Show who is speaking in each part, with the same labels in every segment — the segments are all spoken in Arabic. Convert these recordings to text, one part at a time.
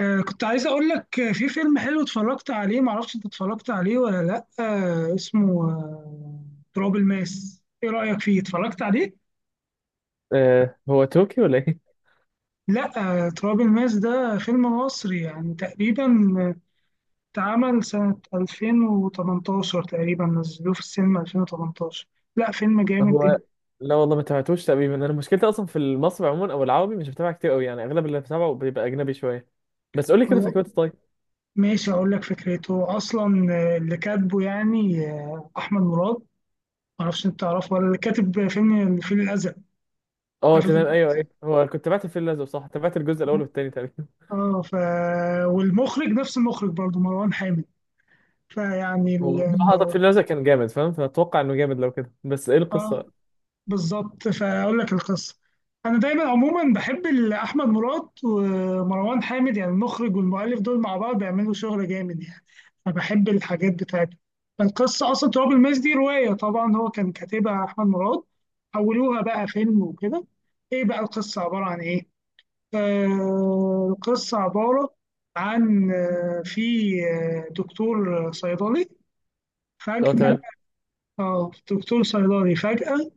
Speaker 1: كنت عايز اقول لك، في فيلم حلو اتفرجت عليه. معرفش انت اتفرجت عليه ولا لا، اسمه تراب الماس. ايه رأيك فيه؟ اتفرجت عليه؟
Speaker 2: هو تركي ولا ايه؟
Speaker 1: لا. تراب الماس ده فيلم مصري يعني تقريبا. آه، اتعمل سنة 2018 تقريبا. نزلوه في السينما 2018. لا فيلم جامد
Speaker 2: هو
Speaker 1: جدا.
Speaker 2: لا والله ما تابعتوش تقريبا. انا مشكلتي اصلا في المصري عموما او العربي، مش بتابع كتير قوي يعني. اغلب اللي بتابعه بيبقى اجنبي شويه. بس قول لي كده
Speaker 1: خلاص،
Speaker 2: فكرته طيب.
Speaker 1: ماشي اقول لك فكرته. اصلا، اللي كاتبه يعني، احمد مراد. معرفش انت تعرفه ولا لا، اللي كاتب فيلم الفيل الازرق.
Speaker 2: اه
Speaker 1: عارف الفيل
Speaker 2: تمام، ايوه
Speaker 1: الأزرق؟
Speaker 2: ايوه. هو كنت تابعت الفيل الازرق، صح؟ تابعت الجزء الاول والثاني تقريبا.
Speaker 1: اه ف والمخرج نفس المخرج برضه مروان حامد. فيعني
Speaker 2: هو
Speaker 1: ال...
Speaker 2: بصراحه، طب الفيل الازرق كان جامد فاهم، فاتوقع انه جامد لو كده. بس ايه
Speaker 1: اه
Speaker 2: القصه؟
Speaker 1: بالظبط، فاقول لك القصه. انا دايما عموما بحب احمد مراد ومروان حامد، يعني المخرج والمؤلف دول مع بعض بيعملوا شغل جامد يعني. فبحب الحاجات بتاعتهم. القصه اصلا تراب الماس دي روايه، طبعا هو كان كاتبها احمد مراد، حولوها بقى فيلم وكده. ايه بقى القصه؟ عباره عن ايه؟ القصة عبارة عن، في، دكتور صيدلي
Speaker 2: اه
Speaker 1: فجأة.
Speaker 2: تمام.
Speaker 1: اه دكتور صيدلي فجأة،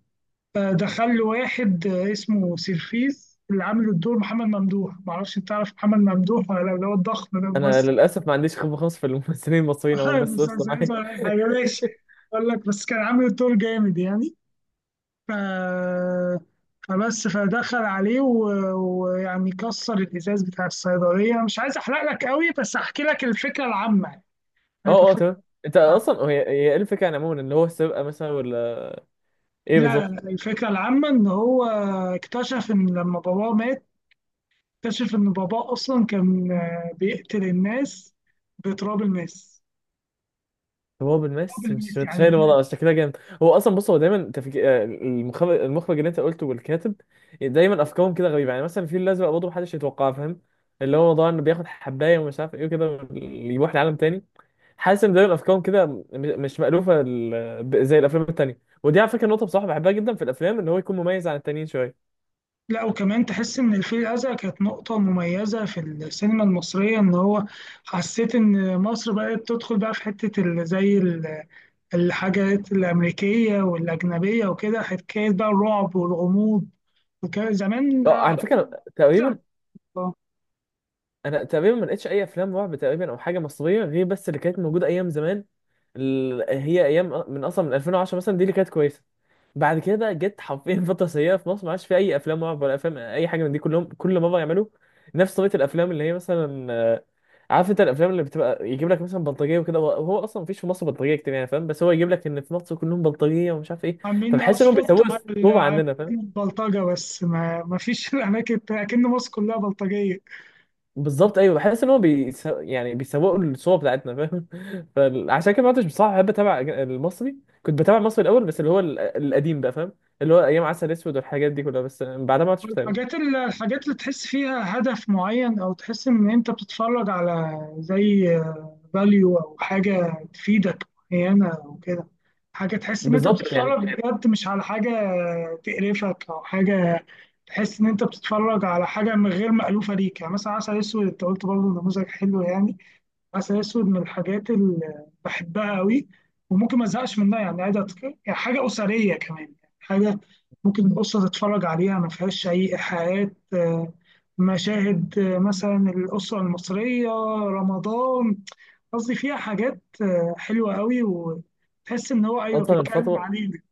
Speaker 1: دخل له واحد، اسمه سيرفيس، اللي عامل الدور محمد ممدوح. معرفش انت تعرف محمد ممدوح ولا لا، اللي هو الضخم ده
Speaker 2: انا
Speaker 1: الممثل.
Speaker 2: للاسف ما عنديش خبره خالص في الممثلين المصريين عموما، بس قصه
Speaker 1: المسلسل
Speaker 2: معايا.
Speaker 1: حاجة ماشي. اقول لك، بس كان عامل الدور جامد يعني. ف... فبس فدخل عليه ويعني كسر الازاز بتاع الصيدليه. مش عايز احرق لك قوي، بس احكي لك الفكره العامه يعني. عارف
Speaker 2: اه اه
Speaker 1: الفكرة
Speaker 2: تمام. انت
Speaker 1: العامة.
Speaker 2: اصلا هي ايه الفكره يعني عموما، اللي هو السرقه مثلا ولا ايه؟
Speaker 1: لا لا
Speaker 2: بالظبط.
Speaker 1: لا، الفكره العامه ان هو اكتشف ان لما باباه مات، اكتشف ان باباه اصلا كان، بيقتل الناس بتراب الماس.
Speaker 2: هو
Speaker 1: تراب
Speaker 2: بالمس مش
Speaker 1: الماس يعني.
Speaker 2: متخيل الوضع، بس شكلها جامد. هو اصلا بص، هو دايما تفك... آه، المخرج اللي انت قلته والكاتب، دايما افكارهم كده غريبه. يعني مثلا الفيل الازرق برضه محدش يتوقعها فاهم، اللي هو موضوع انه بياخد حبايه ومش عارف ايه وكده، يروح لعالم تاني. حاسس ان دايما افكارهم كده مش مألوفه، زي الافلام التانيه. ودي على فكره نقطه بصراحه بحبها جدا في الافلام، ان هو يكون مميز عن التانيين شويه.
Speaker 1: لا وكمان تحس ان الفيل الازرق كانت نقطه مميزه في السينما المصريه، ان هو حسيت ان مصر بقت تدخل بقى في حته زي ال الحاجات الأمريكية والأجنبية وكده، حكاية بقى الرعب والغموض. وكان زمان،
Speaker 2: اه، على فكره
Speaker 1: زمان،
Speaker 2: تقريبا
Speaker 1: آه،
Speaker 2: انا تقريبا ما لقيتش اي افلام رعب تقريبا او حاجه مصريه، غير بس اللي كانت موجوده ايام زمان. هي ايام من اصلا من 2010 مثلا، دي اللي كانت كويسه. بعد كده بقى جت حرفيا فتره سيئه في مصر. ما عادش في اي افلام رعب ولا افلام اي حاجه من دي. كلهم كل مره يعملوا نفس طريقه الافلام اللي هي مثلا، عارف انت الافلام اللي بتبقى يجيب لك مثلا بلطجيه وكده. وهو اصلا مفيش في مصر بلطجيه كتير يعني فاهم، بس هو يجيب لك ان في مصر كلهم بلطجيه ومش عارف ايه.
Speaker 1: عاملين
Speaker 2: فبحس انهم
Speaker 1: سبوت
Speaker 2: بيسووا
Speaker 1: على
Speaker 2: الصوره
Speaker 1: على
Speaker 2: عننا.
Speaker 1: البلطجة. بس ما فيش الأماكن التانية، أكن مصر كلها بلطجية.
Speaker 2: بالظبط ايوه، بحس ان هو يعني بيسوقوا الصوره بتاعتنا فاهم. فعشان كده ما عدتش بصراحه بحب اتابع المصري. كنت بتابع المصري الاول، بس اللي هو القديم بقى فاهم، اللي هو ايام عسل اسود والحاجات دي كلها. بس بعدها ما عدتش بتابع.
Speaker 1: الحاجات اللي تحس فيها هدف معين، أو تحس إن أنت بتتفرج على زي فاليو او حاجه تفيدك معينه او كده. حاجه تحس ان انت
Speaker 2: بالظبط يعني.
Speaker 1: بتتفرج بجد، مش على حاجه تقرفك او حاجه. تحس ان انت بتتفرج على حاجه من غير مألوفه ليك يعني. مثلا عسل اسود، انت قلت برضه نموذج حلو يعني. عسل اسود من الحاجات اللي بحبها قوي، وممكن ما ازهقش منها يعني عادي. يعني حاجه اسريه كمان، يعني حاجه ممكن الاسره تتفرج عليها، ما فيهاش اي ايحاءات، مشاهد، مثلا الاسره المصريه رمضان. قصدي فيها حاجات، حلوة قوي، وتحس إن هو أيوه
Speaker 2: اصلا
Speaker 1: بيتكلم
Speaker 2: الفتره
Speaker 1: علينا.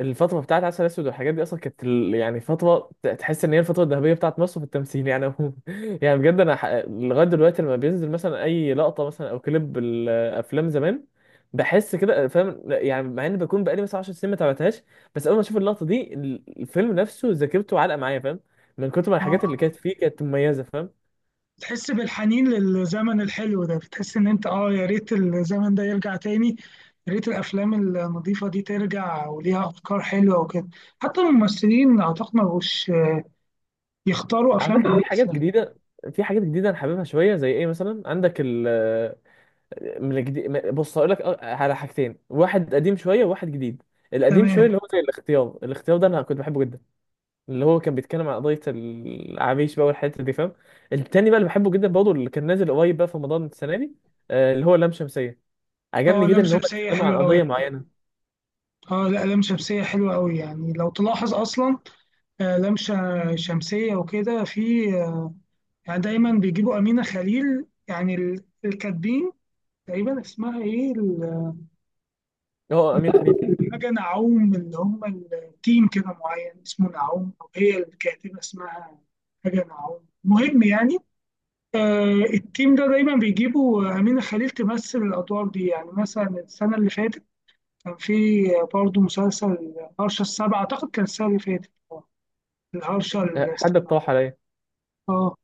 Speaker 2: الفترة بتاعت عسل أسود والحاجات دي أصلا كانت يعني فترة تحس إن هي الفترة الذهبية بتاعت مصر في التمثيل يعني عموما. يعني بجد أنا لغاية دلوقتي لما بينزل مثلا أي لقطة مثلا أو كليب الأفلام زمان، بحس كده فاهم يعني، مع إن بكون بقالي مثلا 10 سنين ما تابعتهاش. بس أول ما أشوف اللقطة دي، الفيلم نفسه ذاكرته علقة معايا فاهم، من كتر ما
Speaker 1: اه،
Speaker 2: الحاجات اللي كانت فيه كانت مميزة فاهم.
Speaker 1: تحس بالحنين للزمن الحلو ده. بتحس إن أنت، يا ريت الزمن ده يرجع تاني. يا ريت الأفلام النظيفة دي ترجع وليها أفكار حلوة وكده. حتى الممثلين أعتقد ما بقوش يختاروا
Speaker 2: على
Speaker 1: أفلام
Speaker 2: فكرة في حاجات
Speaker 1: كويسة.
Speaker 2: جديدة في حاجات جديدة أنا حاببها شوية. زي إيه مثلا عندك من الجديد؟ بص هقول لك على حاجتين: واحد قديم شويه وواحد جديد. القديم شويه
Speaker 1: تمام.
Speaker 2: اللي هو زي الاختيار ده انا كنت بحبه جدا، اللي هو كان بيتكلم عن قضيه العريش بقى والحته دي فاهم. التاني بقى اللي بحبه جدا برضه، اللي كان نازل قريب بقى في رمضان السنه دي، اللي هو لام شمسيه. عجبني
Speaker 1: اه،
Speaker 2: جدا
Speaker 1: لام
Speaker 2: ان هم
Speaker 1: شمسية
Speaker 2: اتكلموا عن
Speaker 1: حلوة قوي.
Speaker 2: قضيه معينه.
Speaker 1: اه لا، لام شمسية حلوة قوي، يعني لو تلاحظ أصلا، آه، لام ش- شمسية وكده، في يعني دايما بيجيبوا أمينة خليل، يعني الكاتبين. تقريبا اسمها ايه
Speaker 2: هو امين خليل.
Speaker 1: حاجة نعوم، اللي هم التيم كده معين اسمه نعوم، أو هي الكاتبة اسمها حاجة نعوم، مهم يعني. آه، التيم ده دايما بيجيبوا أمينة خليل تمثل الأدوار دي. يعني مثلا السنة اللي فاتت كان في برضه مسلسل هرشة السبعة، أعتقد كان السنة اللي فاتت، الهرشة ال-
Speaker 2: حد اقترح عليا
Speaker 1: اه،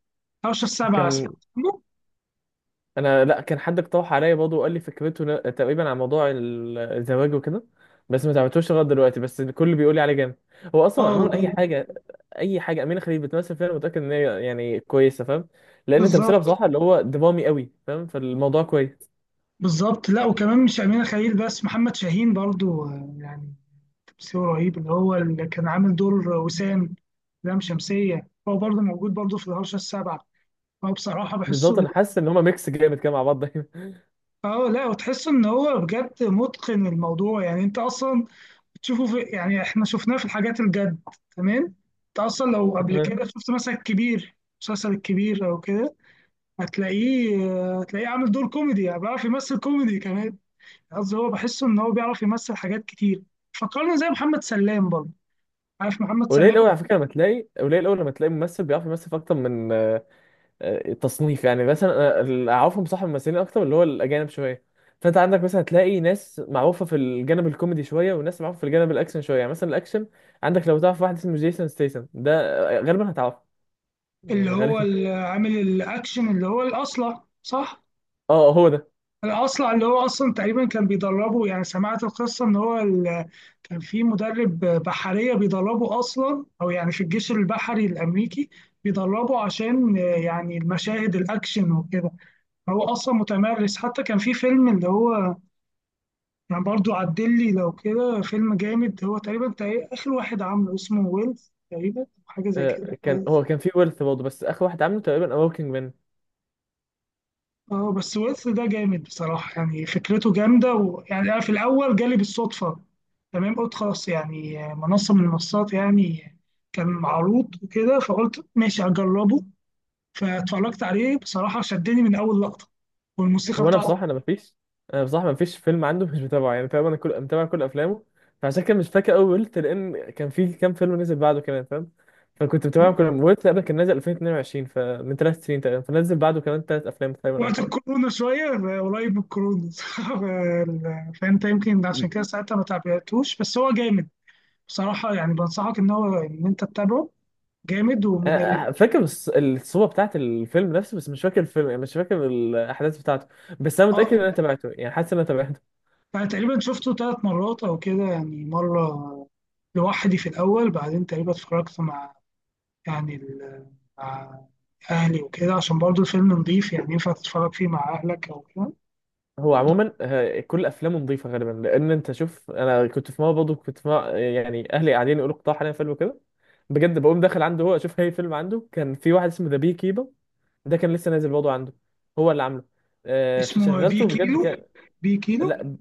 Speaker 1: هرشة السبعة اسمه.
Speaker 2: كان. انا، لا، كان حد اقترح عليا برضه وقال لي فكرته، تقريبا عن موضوع الزواج وكده. بس ما تعبتوش لغايه دلوقتي، بس الكل بيقول لي عليه جامد. هو اصلا
Speaker 1: اه
Speaker 2: عموما اي حاجه امينه خليل بتمثل فيها، انا متاكد ان هي يعني كويسه فاهم، لان تمثيلها
Speaker 1: بالظبط.
Speaker 2: بصراحه اللي هو درامي قوي فاهم. فالموضوع كويس.
Speaker 1: بالظبط، لا وكمان مش أمينة خليل بس، محمد شاهين برضو، يعني تمثيله رهيب، اللي هو اللي كان عامل دور وسام لام شمسية، هو برضو موجود برضو في الهرشة السابعة. هو بصراحة
Speaker 2: بالظبط.
Speaker 1: بحسه،
Speaker 2: انا حاسس ان هما ميكس جامد كده مع بعض دايما.
Speaker 1: اه لا، وتحس ان هو بجد متقن الموضوع يعني. انت اصلا تشوفه في، يعني احنا شفناه في الحاجات الجد. تمام. انت اصلا لو قبل
Speaker 2: تمام.
Speaker 1: كده شفت مثلا الكبير، المسلسل الكبير او كده، هتلاقيه، هتلاقيه عامل دور كوميدي، يعني بيعرف يمثل كوميدي كمان. قصدي هو بحسه ان هو بيعرف يمثل حاجات كتير. فكرنا زي محمد سلام برضه. عارف محمد
Speaker 2: قليل
Speaker 1: سلام؟
Speaker 2: قوي على فكره لما تلاقي، قليل قوي لما تلاقي ممثل بيعرف يمثل في اكتر من تصنيف يعني. مثلا أنا اللي اعرفهم صح ممثلين اكتر، اللي هو الاجانب شويه. فانت عندك مثلا هتلاقي ناس معروفه في الجانب الكوميدي شويه، وناس معروفه في الجانب الاكشن شويه. يعني مثلا الاكشن عندك، لو تعرف واحد اسمه جيسون ستيسن ده، غالبا هتعرفه،
Speaker 1: اللي
Speaker 2: يعني
Speaker 1: هو
Speaker 2: غالبا.
Speaker 1: عامل الاكشن، اللي هو الاصلع صح.
Speaker 2: اه هو ده.
Speaker 1: الاصلع اللي هو اصلا تقريبا كان بيدربه. يعني سمعت القصه ان هو كان في مدرب بحريه بيدربه اصلا، او يعني في الجيش البحري الامريكي بيدربه عشان، يعني المشاهد الاكشن وكده. هو اصلا متمرس. حتى كان في فيلم اللي هو، يعني برضو عدل لي لو كده، فيلم جامد هو تقريبا اخر واحد عامله اسمه ويلز تقريبا، أو حاجه زي كده.
Speaker 2: هو كان في ويلث برضه، بس اخر واحد عامله تقريبا اوركينج مان.
Speaker 1: اه بس ويلز ده جامد بصراحه. يعني فكرته جامده. ويعني انا في الاول جالي بالصدفه. تمام. قلت خلاص يعني، منصه من المنصات يعني كان معروض وكده، فقلت ماشي هجربه. فاتفرجت عليه، بصراحه شدني من اول لقطه، والموسيقى
Speaker 2: هو انا
Speaker 1: بتاعته.
Speaker 2: بصراحه انا مفيش انا بصراحه مفيش فيلم عنده مش متابعه. يعني تقريبا انا كل متابع كل افلامه. فعشان كده مش فاكر قوي ويلث، لان كان في كام فيلم نزل بعده كمان فاهم. فكنت متابعهم كلهم. ويلث قبل كان نازل 2022، فمن 3 سنين تقريبا، فنزل بعده كمان 3 افلام تقريبا او
Speaker 1: وقت
Speaker 2: حاجه.
Speaker 1: الكورونا شوية، قريب من الكورونا. صعب، فانت يمكن عشان كده ساعتها ما تابعتوش، بس هو جامد بصراحة. يعني بنصحك ان هو ان انت تتابعه. جامد
Speaker 2: أنا فاكر الصورة بتاعت الفيلم نفسه، بس مش فاكر الفيلم. يعني مش فاكر الأحداث بتاعته، بس أنا متأكد إن
Speaker 1: اه،
Speaker 2: أنا تابعته. يعني حاسس إن أنا تابعته.
Speaker 1: يعني تقريبا شفته ثلاث مرات او كده. يعني مرة لوحدي في الاول، بعدين تقريبا اتفرجت مع، يعني ال... مع اهلي وكده، عشان برضو الفيلم نضيف، يعني ينفع تتفرج فيه مع اهلك او كده.
Speaker 2: هو عموما كل افلامه نظيفه غالبا، لان انت شوف، انا كنت في مره برضه، يعني اهلي قاعدين يقولوا اقترح علينا فيلم كده بجد، بقوم داخل عنده هو اشوف اي فيلم عنده. كان في واحد اسمه ذا بي كيبر، ده كان لسه نازل برضه عنده، هو اللي عامله.
Speaker 1: اسمه بي
Speaker 2: فشغلته بجد
Speaker 1: كيلو.
Speaker 2: كان...
Speaker 1: بي كيلو.
Speaker 2: لا،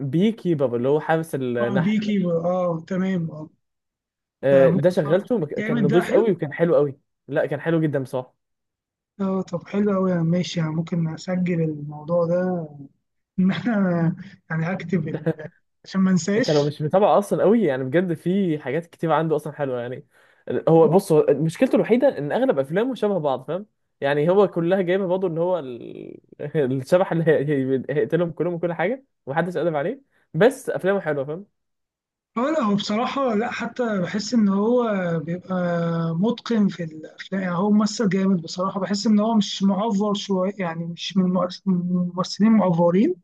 Speaker 2: بي كيبر اللي هو حارس
Speaker 1: اه بي
Speaker 2: النحل.
Speaker 1: كيلو. اه تمام. اه،
Speaker 2: ده
Speaker 1: فممكن اتفرج
Speaker 2: شغلته
Speaker 1: عليه
Speaker 2: كان
Speaker 1: جامد ده
Speaker 2: نظيف قوي
Speaker 1: حلو.
Speaker 2: وكان حلو قوي. لا كان حلو جدا بصراحه.
Speaker 1: اه طب حلو قوي ماشي. يعني ممكن اسجل الموضوع ده، ان انا يعني اكتب عشان ما
Speaker 2: انت لو
Speaker 1: انساش.
Speaker 2: مش متابع اصلا قوي، يعني بجد في حاجات كتير عنده اصلا حلوه يعني. هو بص، هو مشكلته الوحيده ان اغلب افلامه شبه بعض فاهم. يعني هو كلها جايبها برضه، ان هو الشبح اللي هيقتلهم كلهم وكل حاجه ومحدش قادر عليه. بس افلامه حلوه فاهم.
Speaker 1: اه لا، هو بصراحة لا حتى بحس ان هو بيبقى متقن في الافلام. يعني هو ممثل جامد بصراحة، بحس ان هو مش معفر شوية، يعني مش من من الممثلين المعفرين.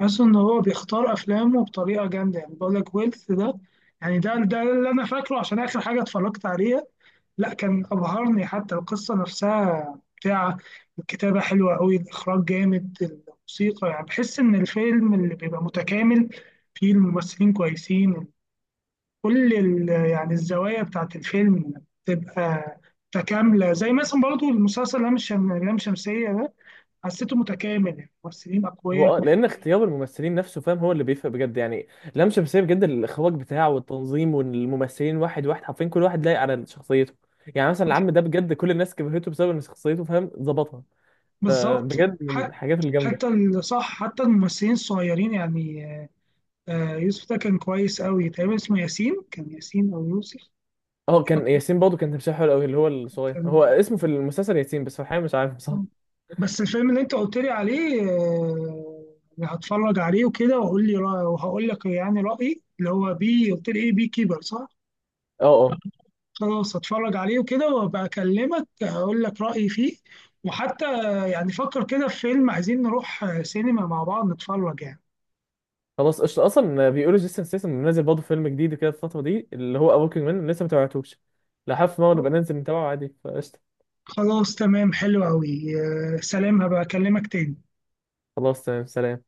Speaker 1: بحس ان هو بيختار افلامه بطريقة جامدة. يعني بقول لك ويلث ده يعني ده اللي انا فاكره عشان اخر حاجة اتفرجت عليها. لا كان أبهرني، حتى القصة نفسها بتاع الكتابة حلوة أوي، الإخراج جامد، الموسيقى، يعني بحس إن الفيلم اللي بيبقى متكامل فيه الممثلين كويسين. كل يعني الزوايا بتاعت الفيلم تبقى متكاملة، زي مثلا برضو المسلسل لام لام شمسية ده حسيته متكامل، الممثلين أقوياء.
Speaker 2: هو اه، لان اختيار الممثلين نفسه فاهم هو اللي بيفرق بجد يعني. لام شمسية بجد الاخراج بتاعه والتنظيم والممثلين، واحد واحد حرفيا كل واحد لايق على شخصيته. يعني مثلا العم ده بجد كل الناس كرهته بسبب ان شخصيته فاهم ظبطها،
Speaker 1: بالظبط،
Speaker 2: فبجد من
Speaker 1: حتى،
Speaker 2: الحاجات الجامده.
Speaker 1: صح، حتى الممثلين الصغيرين يعني، يوسف ده كان كويس أوي، تقريبا اسمه ياسين، كان ياسين أو يوسف.
Speaker 2: اه كان ياسين برضه، كان تمثيله حلو قوي، اللي هو الصغير.
Speaker 1: كان-
Speaker 2: هو اسمه في المسلسل ياسين، بس في الحقيقه مش عارف بصراحه.
Speaker 1: بس الفيلم اللي انت قلت لي عليه، يعني هتفرج عليه وكده واقول لي وهقول لك يعني رأيي. اللي هو بي قلت لي ايه؟ بي كيبر، صح؟
Speaker 2: اه اه.
Speaker 1: خلاص هتفرج عليه وكده وابقى اكلمك هقول لك رأيي فيه. وحتى يعني فكر كده في فيلم عايزين نروح، سينما مع بعض نتفرج يعني.
Speaker 2: خلاص قشطة. اصلا بيقولوا جيسون ستاثام منزل برضه فيلم جديد كده الفتره دي، اللي هو وركينج مان، لسه ما تابعتوش. لا حف ما نبقى ننزل نتابعه عادي، فقشطه.
Speaker 1: خلاص تمام حلو قوي. سلام هبقى اكلمك تاني.
Speaker 2: خلاص تمام، سلام.